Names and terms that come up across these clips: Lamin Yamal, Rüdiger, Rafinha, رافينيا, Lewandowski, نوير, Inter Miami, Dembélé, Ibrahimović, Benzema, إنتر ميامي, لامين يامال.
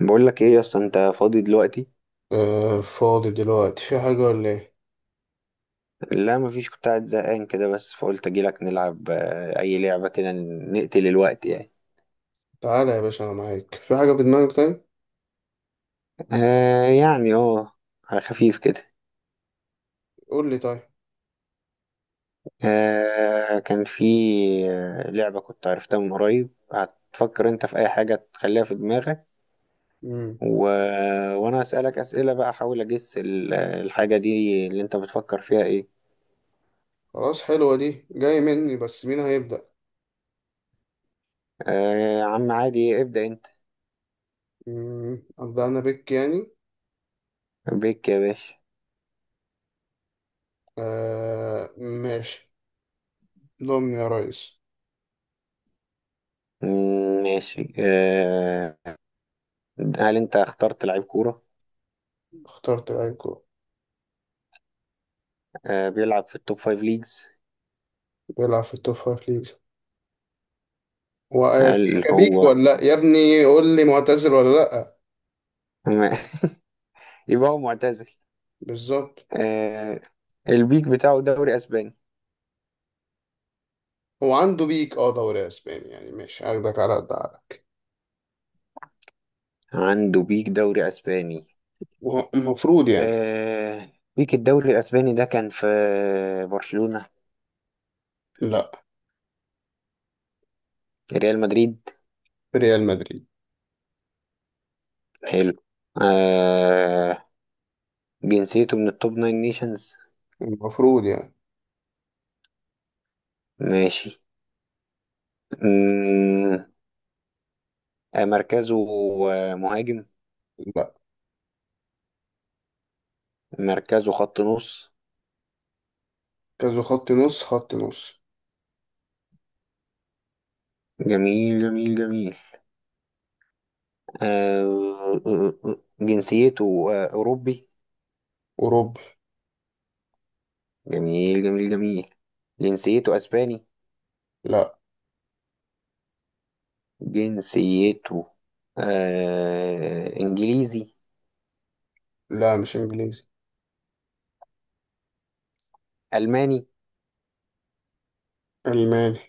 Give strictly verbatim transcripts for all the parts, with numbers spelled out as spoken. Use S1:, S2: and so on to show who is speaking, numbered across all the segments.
S1: بقول لك ايه يا اسطى؟ انت فاضي دلوقتي؟
S2: آه، فاضي دلوقتي، في حاجة ولا ايه؟
S1: لا مفيش، كنت قاعد زهقان كده، بس فقلت اجيلك نلعب. آه، اي لعبه كده نقتل الوقت يعني.
S2: تعالى يا باشا، أنا معاك. في حاجة في دماغك طيب؟
S1: آه يعني اه. على خفيف كده.
S2: قول لي، طيب.
S1: آه كان في آه، لعبه كنت عرفتها من قريب. هتفكر انت في اي حاجه تخليها في دماغك
S2: مم.
S1: و... وانا اسالك اسئله بقى احاول اجس ال- الحاجه دي اللي انت بتفكر فيها ايه.
S2: خلاص، حلوة دي. جاي مني، بس مين هيبدأ؟
S1: آه. يا عم عادي، ابدا انت.
S2: مم. أبدأ أنا بك يعني.
S1: بيك يا باشا.
S2: آه، ماشي. ضمن يا ريس.
S1: مم، ماشي. آه هل انت اخترت لعيب كورة؟
S2: اخترت الأيكو.
S1: آه، بيلعب في التوب فايف ليجز.
S2: بيلعب في التوب فايف ليجز. هو
S1: هل
S2: أكيكا بيك
S1: هو
S2: ولا لأ؟ يا ابني قول لي معتزل ولا لأ؟
S1: م- يبقى هو معتزل.
S2: بالظبط.
S1: آه، البيك بتاعه دوري اسباني.
S2: هو عنده بيك اه دوري أسباني يعني. ماشي، هاخدك على قد عقلك.
S1: عنده بيك دوري اسباني.
S2: هو المفروض يعني.
S1: آه، بيك الدوري الاسباني ده كان في برشلونة.
S2: لأ.
S1: ريال مدريد.
S2: في ريال مدريد.
S1: حلو. آه، جنسيته من التوب ناين نيشنز.
S2: المفروض يعني.
S1: ماشي. مم، آه، مركزه آه، مهاجم.
S2: لا.
S1: مركزه خط نص.
S2: كازو، خط نص خط نص.
S1: جميل جميل جميل. آه، آه، آه، جنسيته آه، أوروبي.
S2: أوروبي.
S1: جميل جميل جميل. جنسيته أسباني.
S2: لا.
S1: جنسيته آه، إنجليزي.
S2: لا، مش إنجليزي.
S1: ألماني.
S2: ألماني.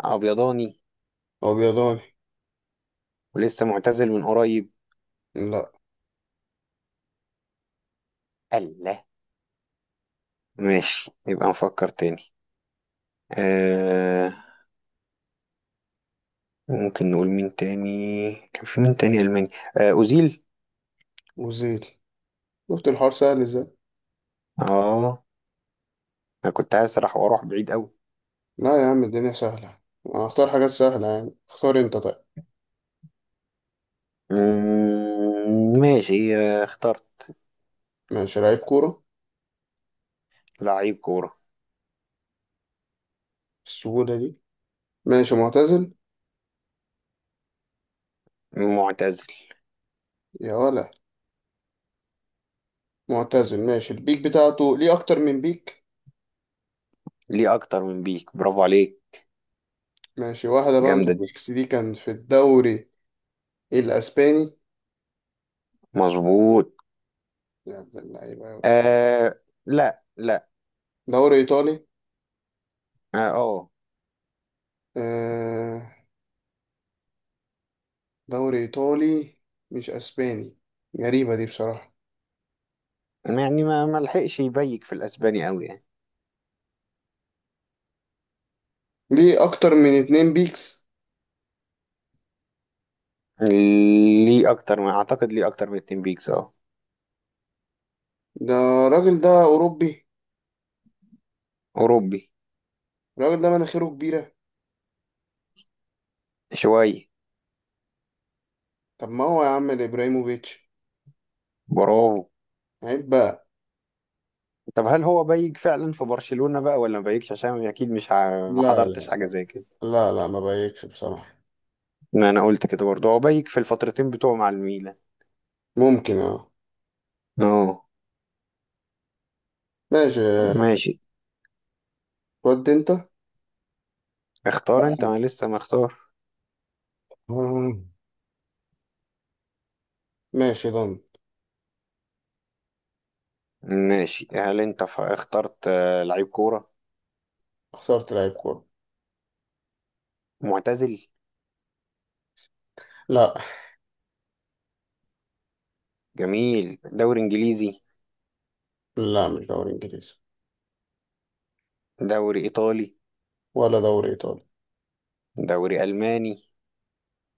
S1: أبيضاني.
S2: أبيضاني.
S1: ولسه معتزل من قريب.
S2: لا.
S1: الله. ماشي، يبقى نفكر تاني. آه، ممكن نقول مين تاني كان في؟ مين تاني ألماني؟ آه، أوزيل.
S2: وزيري. شفت الحوار سهل إزاي؟
S1: آه. أنا كنت هسرح وأروح بعيد أوي.
S2: لا يا عم، الدنيا سهلة. هختار حاجات سهلة يعني. اختار أنت طيب.
S1: مم، ماشي، آه، اخترت
S2: ماشي، لعيب كورة.
S1: لعيب كورة.
S2: السهولة دي. ماشي، معتزل.
S1: معتزل.
S2: يا ولا. معتزل، ماشي. البيك بتاعته ليه أكتر من بيك.
S1: ليه اكتر من بيك. برافو عليك.
S2: ماشي، واحدة بقى من
S1: جامده دي.
S2: البيكس دي كان في الدوري الأسباني.
S1: مظبوط.
S2: يا عبد اللعيبة يا وز.
S1: آه. لا لا.
S2: دوري إيطالي.
S1: اه آه.
S2: آه. دوري إيطالي. مش أسباني. غريبة دي بصراحة.
S1: يعني ما ما لحقش يبيك في الاسباني قوي يعني.
S2: ليه أكتر من اتنين بيكس.
S1: ليه اكتر من اعتقد ليه اكتر من اتنين بيكس. اه.
S2: ده الراجل ده أوروبي.
S1: اوروبي.
S2: الراجل ده مناخيره كبيرة.
S1: شويه.
S2: طب ما هو يا عم إبراهيموفيتش.
S1: برافو.
S2: عيب بقى.
S1: طب هل هو بيك فعلا في برشلونه بقى ولا ما بيكش؟ عشان اكيد مش ع- ما
S2: لا
S1: حضرتش حاجه
S2: لا.
S1: زي كده.
S2: لا لا، ما بايكش بصراحة.
S1: ما انا قلت كده برضه، هو بيك في الفترتين بتوعه مع الميلان.
S2: ممكن، اه.
S1: اه.
S2: ماشي.
S1: ماشي.
S2: ودي انت.
S1: اختار انت،
S2: لا.
S1: انا لسه مختار.
S2: آه، ماشي، ضن.
S1: ماشي، هل انت ف- اخترت آه، لعيب كوره؟
S2: اخترت لعيب كورة.
S1: معتزل؟
S2: لا.
S1: جميل. دوري انجليزي؟
S2: لا، مش دوري انجليزي.
S1: دوري ايطالي؟
S2: ولا دوري ايطالي.
S1: دوري الماني؟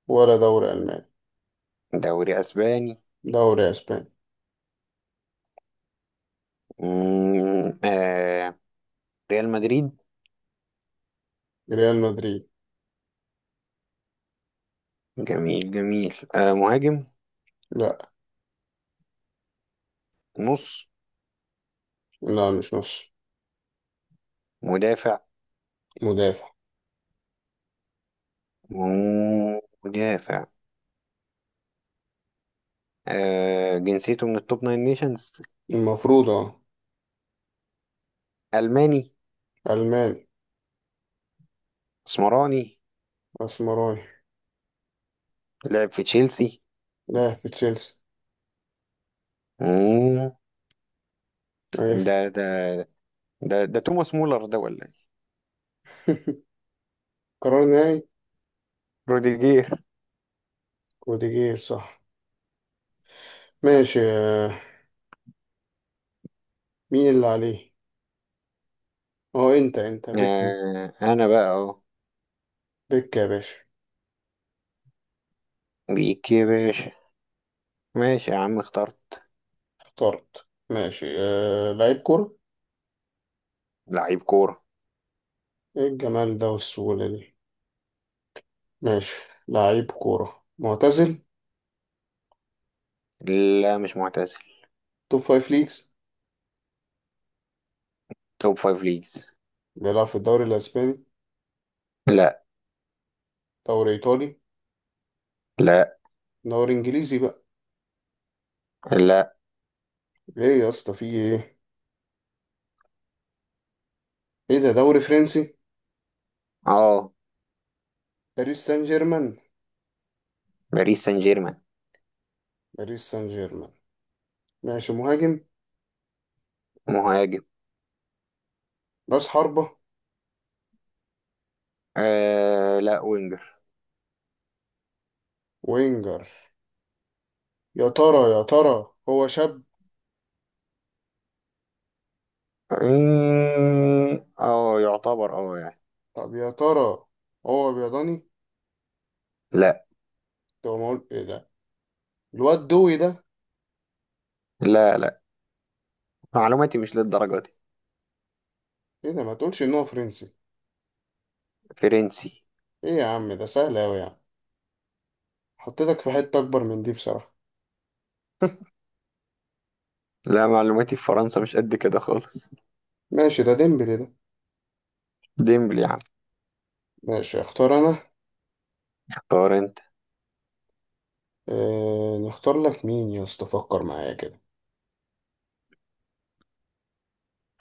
S2: ولا دوري الماني.
S1: دوري اسباني؟
S2: دوري اسباني.
S1: مم، آه ريال مدريد.
S2: ريال مدريد.
S1: جميل جميل. آه مهاجم؟
S2: لا.
S1: نص؟
S2: لا، مش نص.
S1: مدافع.
S2: مدافع.
S1: مم، مدافع. آه جنسيته من التوب ناين نيشنز.
S2: المفروض، اه.
S1: الماني.
S2: ألماني.
S1: اسمراني.
S2: أسمراني.
S1: لعب في تشيلسي.
S2: لاعب في تشيلسي.
S1: مم،
S2: أيوة.
S1: ده ده ده ده توماس مولر ده ولا ايه؟
S2: قرار نهائي.
S1: روديجير.
S2: روديجير، صح. ماشي. آه، مين اللي عليه؟ اه انت انت بك.
S1: آه انا بقى اهو.
S2: بك يا باشا.
S1: بيك يا باشا. ماشي يا عم، اخترت
S2: اخترت، ماشي. آه، لعيب كورة.
S1: لعيب كورة.
S2: ايه الجمال ده والسهولة دي. ماشي. لعيب كورة، معتزل.
S1: لا مش معتزل.
S2: توب فايف ليجز.
S1: توب فايف ليجز.
S2: بيلعب في الدوري الأسباني.
S1: لا.
S2: دوري إيطالي.
S1: لا.
S2: دوري إنجليزي بقى.
S1: لا.
S2: ايه يا اسطى، في ايه؟ ايه ده، دوري فرنسي؟
S1: اه.
S2: باريس سان جيرمان.
S1: باريس سان جيرمان.
S2: باريس سان جيرمان. ماشي، مهاجم.
S1: مهاجم.
S2: راس حربة.
S1: آه لا وينجر.
S2: وينجر. يا ترى يا ترى هو شاب؟
S1: اه، آه، يعتبر اه يعني.
S2: طب يا ترى، هو بيضاني؟
S1: لا.
S2: طب ما اقول ايه ده. الواد دوي ده.
S1: لا لا. معلوماتي مش للدرجة دي.
S2: ايه ده، ما تقولش ان هو فرنسي؟
S1: فرنسي.
S2: ايه يا عم، ده سهل اوي يعني. حطيتك في حتة اكبر من دي بصراحة.
S1: لا معلوماتي في فرنسا مش قد كده خالص.
S2: ماشي، ده ديمبلي ده.
S1: ديمبلي يا عم.
S2: ماشي، اختار انا.
S1: اختار انت.
S2: اه نختار لك مين يا اسطى، فكر معايا كده.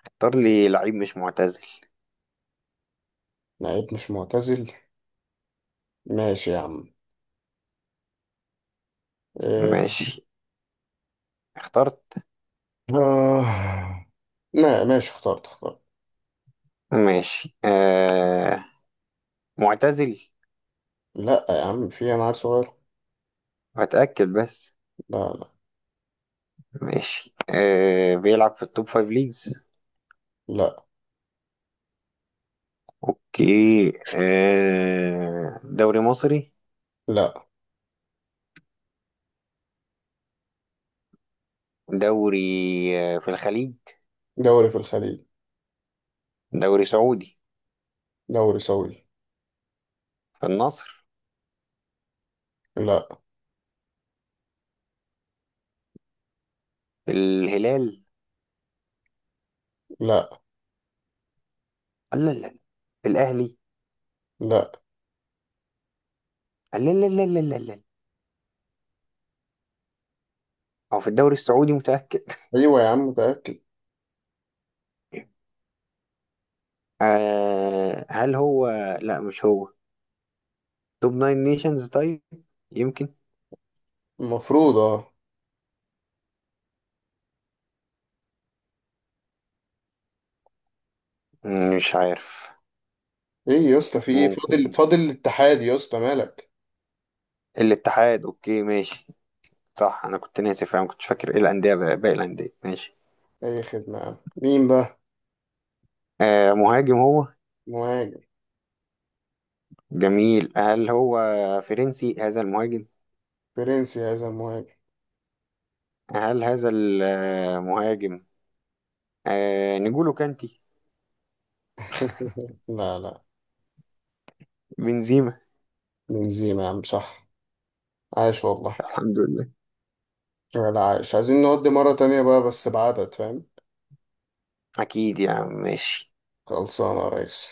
S1: اختار لي لعيب مش معتزل
S2: لعيب مش معتزل. ماشي يا عم. اه.
S1: ماشي. اخترت.
S2: آه. لا، ماشي، اخترت اخترت.
S1: ماشي آه معتزل.
S2: لا يا عم، في انا عيل صغير.
S1: هتأكد بس.
S2: لا لا
S1: ماشي، آه بيلعب في التوب فايف ليجز.
S2: لا
S1: اوكي. آه دوري مصري؟
S2: لا.
S1: دوري آه في الخليج؟
S2: دوري في الخليج.
S1: دوري سعودي.
S2: دوري سعودي.
S1: في النصر؟
S2: لا
S1: في الهلال؟
S2: لا
S1: لا لا لا. في الاهلي؟
S2: لا.
S1: لا لا لا لا لا لا. هو في الدوري السعودي متأكد؟
S2: ايوه يا عم، متأكد.
S1: آه هل هو؟ لا مش هو. توب ناين نيشنز طيب؟ يمكن.
S2: المفروض، اه.
S1: مم، مش عارف.
S2: ايه يا اسطى، في ايه؟ فاضل
S1: ممكن.
S2: فاضل الاتحاد يا اسطى، مالك؟
S1: الاتحاد، اوكي ماشي. صح، انا كنت ناسي، فاهم؟ كنتش فاكر ايه الانديه باقي الانديه. ماشي.
S2: اي خدمة يا عم، مين بقى؟
S1: آه، مهاجم هو.
S2: مهاجم.
S1: جميل، هل هو فرنسي هذا المهاجم؟
S2: فرنسي هذا المهاجم.
S1: هل هذا المهاجم آه، نجولو كانتي؟
S2: لا لا.
S1: بنزيما.
S2: بنزيما يا عم، صح. عاش والله.
S1: الحمد لله.
S2: ولا عايش، عايزين نودي مرة تانية بقى، بس بعدد، فاهم؟
S1: أكيد يا عم، ماشي.
S2: خلصانة يا ريس.